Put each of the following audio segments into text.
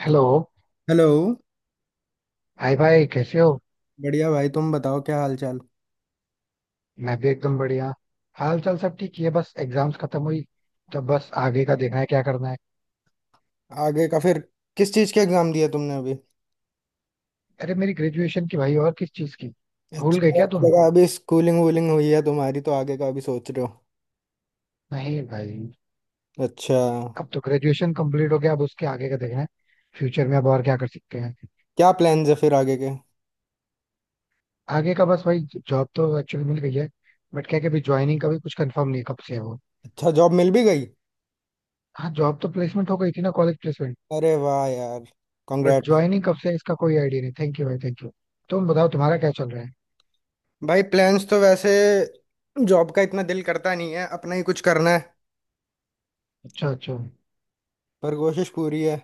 Hello. Hello. Hi भाई कैसे हो। बढ़िया भाई, तुम बताओ, क्या हाल चाल। मैं भी एकदम बढ़िया। हाल चाल सब ठीक ही है, बस एग्जाम्स खत्म हुई तो बस आगे का देखना है क्या करना है। आगे का फिर? किस चीज़ के एग्जाम दिया तुमने अभी? अरे मेरी ग्रेजुएशन की भाई और किस चीज की। भूल अच्छा, गए मेरे क्या को तुम। लगा अभी स्कूलिंग वूलिंग हुई है तुम्हारी, तो आगे का अभी सोच रहे हो। नहीं भाई। अच्छा। अब तो ग्रेजुएशन कंप्लीट हो गया, अब उसके आगे का देखना है। फ्यूचर में अब और क्या कर सकते हैं। क्या प्लान्स है फिर आगे के? आगे का बस भाई, जॉब तो एक्चुअली मिल गई है। बट क्या है कि अभी ज्वाइनिंग का भी कुछ कंफर्म नहीं है, कब से है वो। अच्छा, जॉब मिल भी गई। हाँ जॉब तो प्लेसमेंट हो गई थी ना, कॉलेज प्लेसमेंट। अरे वाह यार, बट कॉन्ग्रेट्स। ज्वाइनिंग कब से है इसका कोई आइडिया नहीं। थैंक यू भाई, थैंक यू। तुम बताओ तुम्हारा क्या चल रहा है। भाई प्लान्स तो वैसे, जॉब का इतना दिल करता नहीं है, अपना ही कुछ करना है। अच्छा अच्छा। पर कोशिश पूरी है।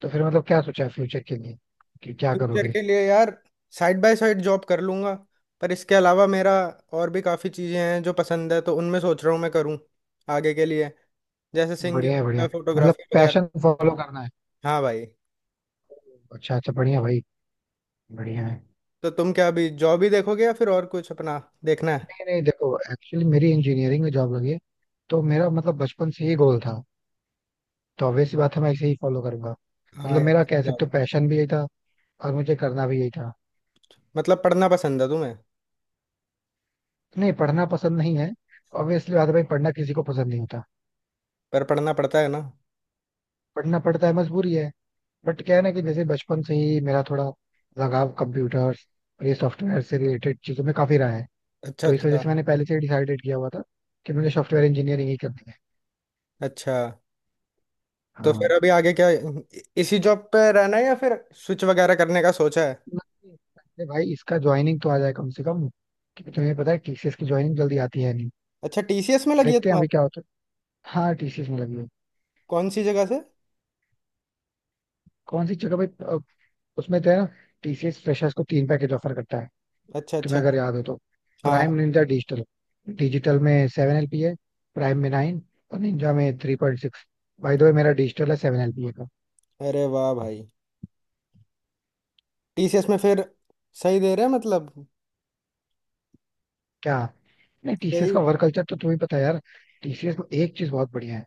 तो फिर मतलब क्या सोचा है फ्यूचर के लिए, कि क्या फ्यूचर करोगे। के लिए यार, साइड बाय साइड जॉब कर लूंगा, पर इसके अलावा मेरा और भी काफ़ी चीज़ें हैं जो पसंद है, तो उनमें सोच रहा हूँ मैं करूँ आगे के लिए। जैसे बढ़िया है, बढ़िया सिंगिंग, है। मतलब फोटोग्राफी वगैरह। पैशन फॉलो करना है। हाँ भाई। अच्छा अच्छा, बढ़िया भाई, बढ़िया है। तो तुम क्या अभी जॉब ही देखोगे या फिर और कुछ अपना देखना है? नहीं नहीं देखो एक्चुअली मेरी इंजीनियरिंग में जॉब लगी है। तो मेरा मतलब बचपन से ही गोल था। तो ऑब्वियस सी बात है मैं इसे ही फॉलो करूंगा। हाँ मतलब यार। मेरा कह सकते job। हो पैशन भी यही था, और मुझे करना भी यही था। मतलब पढ़ना पसंद है तुम्हें? नहीं पढ़ना पसंद नहीं है। ऑब्वियसली बात है भाई, पढ़ना किसी को पसंद नहीं होता। पर पढ़ना पड़ता है ना। पढ़ना पड़ता है, मजबूरी है। बट क्या है ना कि जैसे बचपन से ही मेरा थोड़ा लगाव कंप्यूटर्स और ये सॉफ्टवेयर से रिलेटेड चीजों में काफी रहा है। अच्छा। तो इस वजह अच्छा। से मैंने पहले से ही डिसाइडेड किया हुआ था कि मुझे सॉफ्टवेयर इंजीनियरिंग ही करनी है। अच्छा। तो हाँ। फिर अभी आगे क्या इसी जॉब पे रहना है या फिर स्विच वगैरह करने का सोचा है? नहीं, अरे भाई इसका ज्वाइनिंग तो आ जाए कम से कम। क्योंकि तुम्हें पता है टीसीएस की ज्वाइनिंग जल्दी आती है नहीं। अच्छा, टीसीएस में लगी है देखते हैं अभी तुम्हारी। क्या होता है। हाँ टीसीएस में लगी है। कौन सी जगह से? कौन सी जगह भाई, उसमें तो है ना, टीसीएस फ्रेशर्स को तीन पैकेज ऑफर करता है। अच्छा तुम्हें अच्छा। अगर याद हो तो हाँ। Prime, ninja, digital. डिजिटल में 7 एलपी है, प्राइम में 9, और निंजा में 3.6। भाई दो मेरा डिजिटल है, 7 एलपी का। अरे वाह भाई, टीसीएस में फिर सही दे रहे हैं मतलब। क्या। नहीं टीसीएस का यही। वर्क कल्चर तो तुम्हें पता है यार। टीसीएस में एक चीज बहुत बढ़िया है,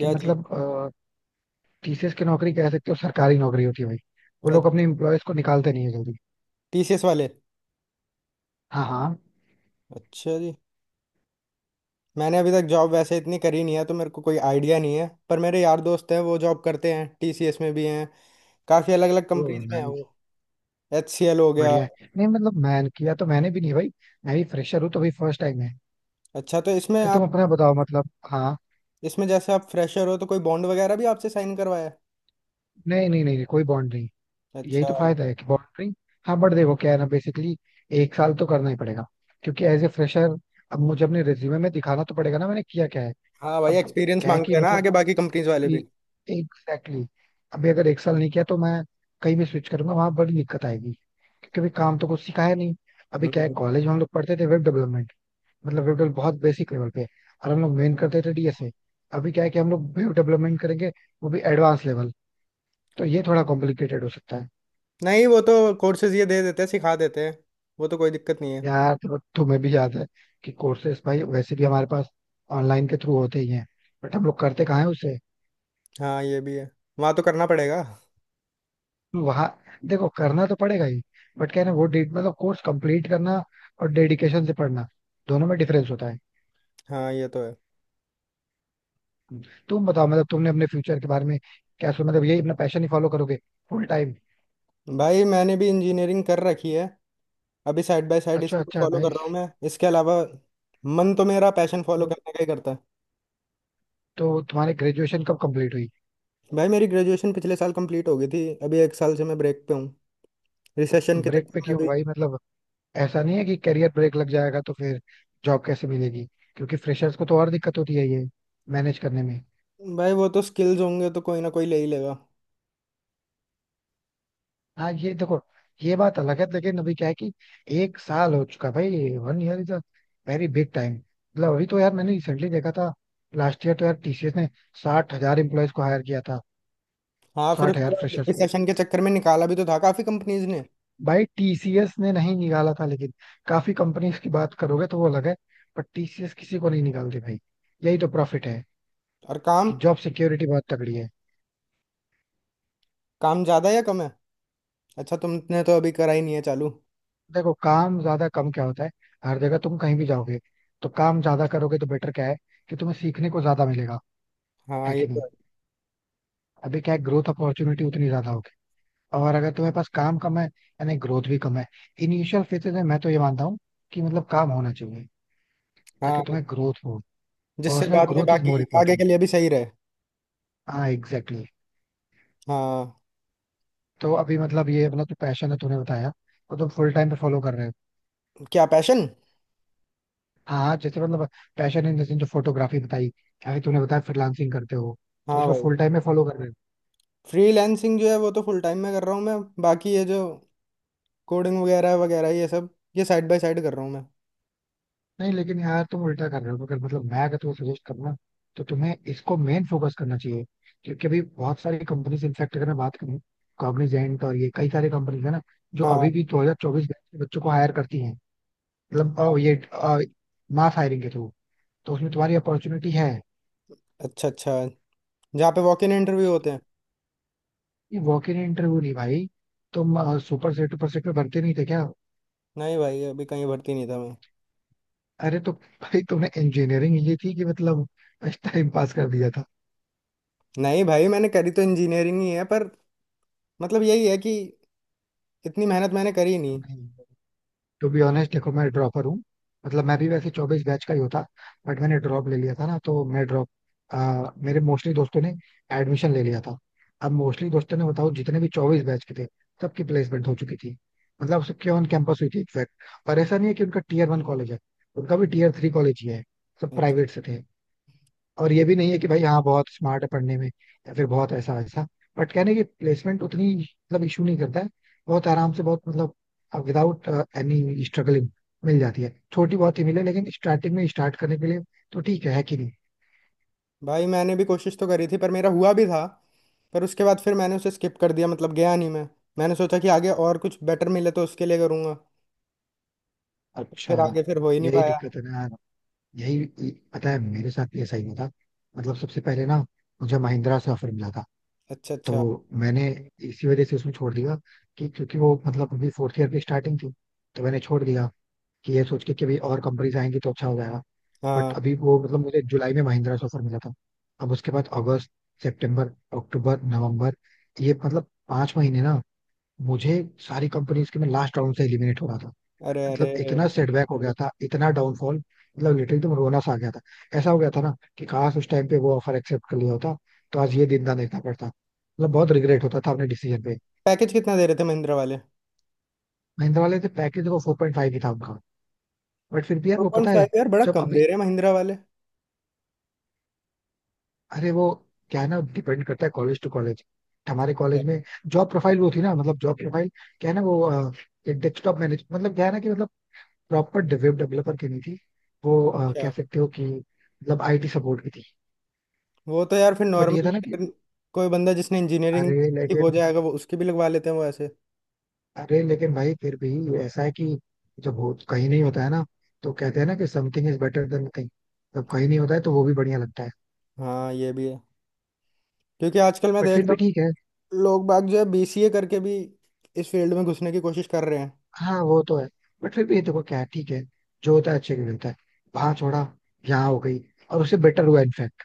कि चीज? मतलब टीसीएस की नौकरी कह सकते हो सरकारी नौकरी होती है भाई। वो लोग अपने अच्छा, एम्प्लॉयज को निकालते नहीं है जल्दी। टीसीएस वाले। हाँ हाँ। अच्छा जी। मैंने अभी तक जॉब वैसे इतनी करी नहीं है, तो मेरे को कोई आइडिया नहीं है, पर मेरे यार दोस्त हैं वो जॉब करते हैं, टीसीएस में भी हैं। काफ़ी अलग अलग ओ, कंपनीज में है नाइस। वो। एचसीएल हो गया। बढ़िया है। नहीं मतलब मैं किया तो मैंने भी नहीं भाई, मैं भी फ्रेशर हूँ तो भाई फर्स्ट टाइम है। अच्छा तो इसमें अरे तुम आप, अपना बताओ मतलब। हाँ। इसमें जैसे आप फ्रेशर हो तो कोई बॉन्ड वगैरह भी आपसे साइन करवाया है? नहीं नहीं नहीं, नहीं कोई बॉन्ड नहीं। यही अच्छा। तो फायदा है कि बॉन्ड नहीं। हाँ बट देखो क्या है ना, बेसिकली एक साल तो करना ही पड़ेगा, क्योंकि एज ए फ्रेशर अब मुझे अपने रिज्यूमे में दिखाना तो पड़ेगा ना, मैंने किया क्या है। हाँ भाई, अब एक्सपीरियंस क्या है मांगते कि हैं ना मतलब आगे बाकी कंपनीज एक्स वाले की भी। एग्जैक्टली, अभी अगर एक साल नहीं किया तो मैं कहीं भी स्विच करूंगा वहां बड़ी दिक्कत आएगी। क्योंकि अभी काम तो कुछ सिखाया नहीं। अभी क्या है, हम्म। कॉलेज में हम लोग पढ़ते थे वेब डेवलपमेंट, मतलब वेब डेवलप बहुत बेसिक लेवल पे, और हम लोग मेन करते थे डीएसए। अभी क्या है कि हम लोग वेब डेवलपमेंट करेंगे वो भी एडवांस लेवल, तो ये थोड़ा कॉम्प्लिकेटेड हो सकता है। नहीं, वो तो कोर्सेज ये दे देते हैं सिखा देते हैं, वो तो कोई दिक्कत नहीं है। यार तो तुम्हें भी याद है कि कोर्सेज भाई वैसे भी हमारे पास ऑनलाइन के थ्रू होते ही हैं, बट हम लोग करते कहाँ है उसे। हाँ ये भी है, वहाँ तो करना पड़ेगा। वहां देखो करना तो पड़ेगा ही। बट क्या है ना, वो डेट मतलब कोर्स कंप्लीट करना और डेडिकेशन से पढ़ना दोनों में डिफरेंस होता है। हाँ ये तो है। तुम बताओ मतलब तुमने अपने फ्यूचर के बारे में क्या सोचा, मतलब यही अपना पैशन ही फॉलो करोगे फुल टाइम। भाई मैंने भी इंजीनियरिंग कर रखी है, अभी साइड बाय साइड अच्छा इसी को अच्छा, फॉलो कर नाइस। रहा हूँ मैं, इसके अलावा मन तो मेरा पैशन फॉलो करने का ही करता है। तो तुम्हारी ग्रेजुएशन कब कंप्लीट हुई। भाई मेरी ग्रेजुएशन पिछले साल कंप्लीट हो गई थी, अभी एक साल से मैं ब्रेक पे हूँ रिसेशन के ब्रेक चक्कर पे में क्यों अभी। भाई, मतलब ऐसा नहीं है कि करियर ब्रेक लग जाएगा तो फिर जॉब कैसे मिलेगी, क्योंकि फ्रेशर्स को तो और दिक्कत होती है ये मैनेज करने में। भाई वो तो स्किल्स होंगे तो कोई ना कोई ले ही लेगा। हाँ ये देखो ये बात अलग है, लेकिन अभी क्या है कि एक साल हो चुका भाई, one year is a very big time. मतलब अभी तो यार मैंने रिसेंटली देखा था, लास्ट ईयर तो यार टीसीएस ने 60,000 एम्प्लॉयज को हायर किया था, हाँ फिर साठ उसके हजार बाद फ्रेशर्स को। रिसेशन के चक्कर में निकाला भी तो था काफ़ी कंपनीज ने। भाई टीसीएस ने नहीं निकाला था, लेकिन काफी कंपनीज की बात करोगे तो वो अलग है। पर टीसीएस किसी को नहीं निकालती भाई, यही तो प्रॉफिट है और काम, कि जॉब सिक्योरिटी बहुत तगड़ी है। काम ज़्यादा या कम है? अच्छा तुमने तो अभी करा ही नहीं है चालू। देखो काम ज्यादा कम क्या होता है, हर जगह तुम कहीं भी जाओगे तो काम ज्यादा करोगे तो बेटर क्या है कि तुम्हें सीखने को ज्यादा मिलेगा, हाँ है ये कि तो नहीं। है। अभी क्या है, ग्रोथ अपॉर्चुनिटी उतनी ज्यादा होगी, और अगर तुम्हारे पास काम कम है यानी ग्रोथ भी कम है। इनिशियल फेजेस में मैं तो ये मानता हूँ कि मतलब काम होना चाहिए ताकि हाँ, तुम्हें ग्रोथ हो। जिससे पर्सनल बाद में ग्रोथ इज बाकी मोर आगे के इम्पोर्टेंट। लिए भी सही रहे। हाँ एग्जैक्टली exactly. हाँ। तो अभी मतलब ये अपना जो पैशन है तूने बताया, वो तुम फुल टाइम पे फॉलो कर रहे हो। क्या पैशन? हाँ हाँ, जैसे मतलब पैशन इन द सेंस जो फोटोग्राफी बताई या फिर तूने बताया फ्रीलांसिंग करते हो, तो हाँ इसको भाई। फुल टाइम में फॉलो कर रहे हो। फ्रीलैंसिंग जो है वो तो फुल टाइम में कर रहा हूँ मैं, बाकी ये जो कोडिंग वगैरह वगैरह ये सब, ये साइड बाय साइड कर रहा हूँ मैं। नहीं लेकिन यार तुम उल्टा कर रहे हो, अगर मतलब मैं अगर तुम्हें सजेस्ट करना तो तुम्हें इसको मेन फोकस करना चाहिए। क्योंकि अभी बहुत सारी कंपनीज इनफैक्ट अगर मैं बात करूँ कॉग्निजेंट और ये कई सारी कंपनीज है ना जो हाँ। अभी भी 2024 बैच के बच्चों को हायर करती हैं। मतलब ये मास हायरिंग के थ्रू, तो उसमें तुम्हारी अपॉर्चुनिटी है। अच्छा अच्छा, जहाँ पे वॉक इन इंटरव्यू होते हैं। ये वॉक इन इंटरव्यू नहीं भाई, तुम सुपर सेट में भरते नहीं थे क्या। नहीं भाई, अभी कहीं भर्ती नहीं था मैं। अरे तो भाई तुमने इंजीनियरिंग ये थी कि मतलब टाइम पास कर दिया था। नहीं भाई, मैंने करी तो इंजीनियरिंग ही है, पर मतलब यही है कि इतनी मेहनत मैंने करी नहीं। नहीं टू बी ऑनेस्ट देखो मैं ड्रॉपर हूँ, मतलब मैं भी वैसे 24 बैच का ही होता बट मैंने ड्रॉप ले लिया था ना तो मैं ड्रॉप, मेरे मोस्टली दोस्तों ने एडमिशन ले लिया था। अब मोस्टली दोस्तों ने बताओ जितने भी 24 बैच के थे सबकी प्लेसमेंट हो चुकी थी, मतलब सबके ऑन कैंपस हुई थी इनफैक्ट। और ऐसा नहीं है कि उनका टीयर वन कॉलेज है, उनका भी टीयर थ्री कॉलेज ही है, सब अच्छा। प्राइवेट से थे। और ये भी नहीं है कि भाई हाँ बहुत स्मार्ट है पढ़ने में, या फिर बहुत ऐसा ऐसा। बट कहने की प्लेसमेंट उतनी मतलब इशू नहीं करता है। बहुत आराम से बहुत मतलब विदाउट एनी स्ट्रगलिंग मिल जाती है, छोटी बहुत ही मिले लेकिन स्टार्टिंग में स्टार्ट करने के लिए तो ठीक है कि नहीं। भाई मैंने भी कोशिश तो करी थी, पर मेरा हुआ भी था, पर उसके बाद फिर मैंने उसे स्किप कर दिया, मतलब गया नहीं मैं। मैंने सोचा कि आगे और कुछ बेटर मिले तो उसके लिए करूँगा, अच्छा। फिर आगे फिर हो ही नहीं यही पाया। दिक्कत है ना, यही। पता है मेरे साथ भी ऐसा ही हुआ था, मतलब सबसे पहले ना मुझे महिंद्रा से ऑफर मिला था। अच्छा तो अच्छा। मैंने इसी वजह से उसमें छोड़ दिया, कि क्योंकि वो मतलब अभी फोर्थ ईयर की स्टार्टिंग थी तो मैंने छोड़ दिया कि ये सोच के कि भाई और कंपनीज आएंगी तो अच्छा हो जाएगा। बट हाँ। अभी वो मतलब मुझे जुलाई में महिंद्रा से ऑफर मिला था। अब उसके बाद अगस्त, सितंबर, अक्टूबर, नवंबर, ये मतलब 5 महीने ना मुझे सारी कंपनीज के मैं लास्ट राउंड से एलिमिनेट हो रहा था। अरे अरे। मतलब इतना सेटबैक हो गया था, इतना डाउनफॉल, मतलब लिटरली एकदम रोना सा आ गया था। ऐसा हो गया था ना कि काश उस टाइम पे वो ऑफर एक्सेप्ट कर लिया होता तो आज ये दिन ना देखना पड़ता, मतलब बहुत रिग्रेट होता था अपने डिसीजन पे। पैकेज कितना दे रहे थे महिंद्रा वाले? महिंद्रा वाले थे पैकेज, देखो 4.5 ही था उनका, बट फिर भी यार टू वो पॉइंट पता है। फाइव यार, बड़ा जब कम अभी, दे रहे हैं महिंद्रा वाले। अरे वो क्या है ना, डिपेंड करता है कॉलेज टू कॉलेज। हमारे कॉलेज में जॉब प्रोफाइल वो थी ना, मतलब जॉब प्रोफाइल क्या है ना वो एक डेस्कटॉप मैनेज, मतलब क्या है ना कि मतलब प्रॉपर वेब डेवलपर की नहीं थी वो, अच्छा। कह सकते हो कि मतलब आईटी सपोर्ट की थी। वो तो यार फिर बट ये था ना कि, नॉर्मल, कोई बंदा जिसने इंजीनियरिंग अरे की हो लेकिन जाएगा वो उसकी भी लगवा लेते हैं वो ऐसे। अरे लेकिन भाई फिर भी ऐसा है कि जब हो कहीं नहीं होता है ना, तो कहते हैं ना कि something is better than nothing, जब कहीं नहीं होता है तो वो भी बढ़िया लगता है। हाँ ये भी है, क्योंकि आजकल मैं बट देख फिर रहा भी ठीक है। हूँ लोग बाग जो है बीसीए करके भी इस फील्ड में घुसने की कोशिश कर रहे हैं। हाँ वो तो है। बट फिर भी ये देखो क्या है, ठीक है, जो होता है अच्छे के लिए होता है। वहां छोड़ा, यहाँ हो गई, और उससे बेटर हुआ इनफैक्ट।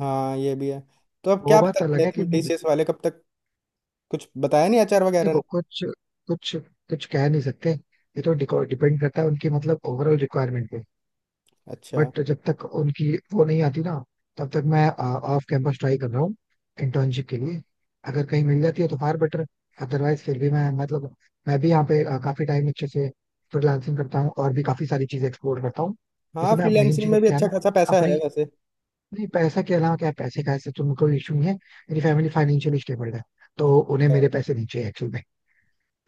हाँ ये भी है। तो अब वो क्या पता बात अलग चले है कि तुम मुझे, टीसीएस वाले कब तक, कुछ बताया नहीं एचआर वगैरह ने। देखो कुछ कुछ कुछ कह नहीं सकते, ये तो डिपेंड करता है उनकी मतलब ओवरऑल रिक्वायरमेंट पे। अच्छा। बट जब तक उनकी वो नहीं आती ना, तब तक मैं ऑफ कैंपस ट्राई कर रहा हूँ इंटर्नशिप के लिए। अगर कहीं मिल जाती है तो फार बेटर, अदरवाइज फिर भी मैं मतलब मैं भी यहाँ पे काफी टाइम अच्छे से फ्रीलांसिंग करता हूँ और भी काफी सारी चीजें एक्सप्लोर करता हूँ। हाँ जैसे मैं मेन फ्रीलैंसिंग चीज में अब भी क्या है अच्छा ना खासा पैसा है अपनी, वैसे। नहीं पैसा के अलावा क्या है, पैसे का ऐसे तो कोई इशू नहीं है, मेरी फैमिली फाइनेंशियली स्टेबल है तो उन्हें अच्छा मेरे पैसे नहीं चाहिए एक्चुअल में।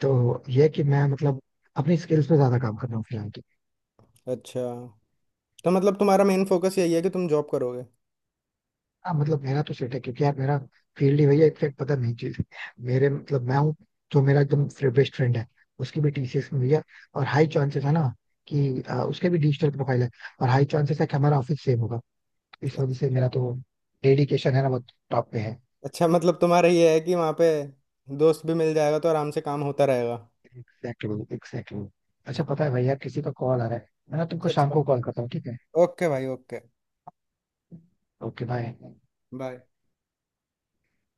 तो ये है कि मैं मतलब अपनी स्किल्स पे ज्यादा काम कर रहा हूँ फिलहाल। अच्छा। तो मतलब तुम्हारा मेन फोकस यही है कि तुम जॉब करोगे। हाँ मतलब मेरा तो सेट है, क्योंकि यार मेरा फील्ड ही, भैया इनफेक्ट पता नहीं चीज मेरे मतलब मैं हूँ। जो मेरा एकदम बेस्ट फ्रेंड है उसकी भी टीसीएस में भैया, और हाई चांसेस है ना कि उसके भी डिजिटल प्रोफाइल है, और हाई चांसेस है कि हमारा ऑफिस सेम होगा। इस वजह से अच्छा मेरा तो डेडिकेशन है ना वो टॉप पे है। अच्छा, मतलब तुम्हारा ये है कि वहाँ पे दोस्त भी मिल जाएगा तो आराम से काम होता रहेगा। Exactly exactly. अच्छा अच्छा पता है भैया किसी का कॉल आ रहा है, मैं ना तुमको शाम अच्छा। को कॉल करता हूँ, ठीक है। ओके भाई ओके। Okay bye. बाय।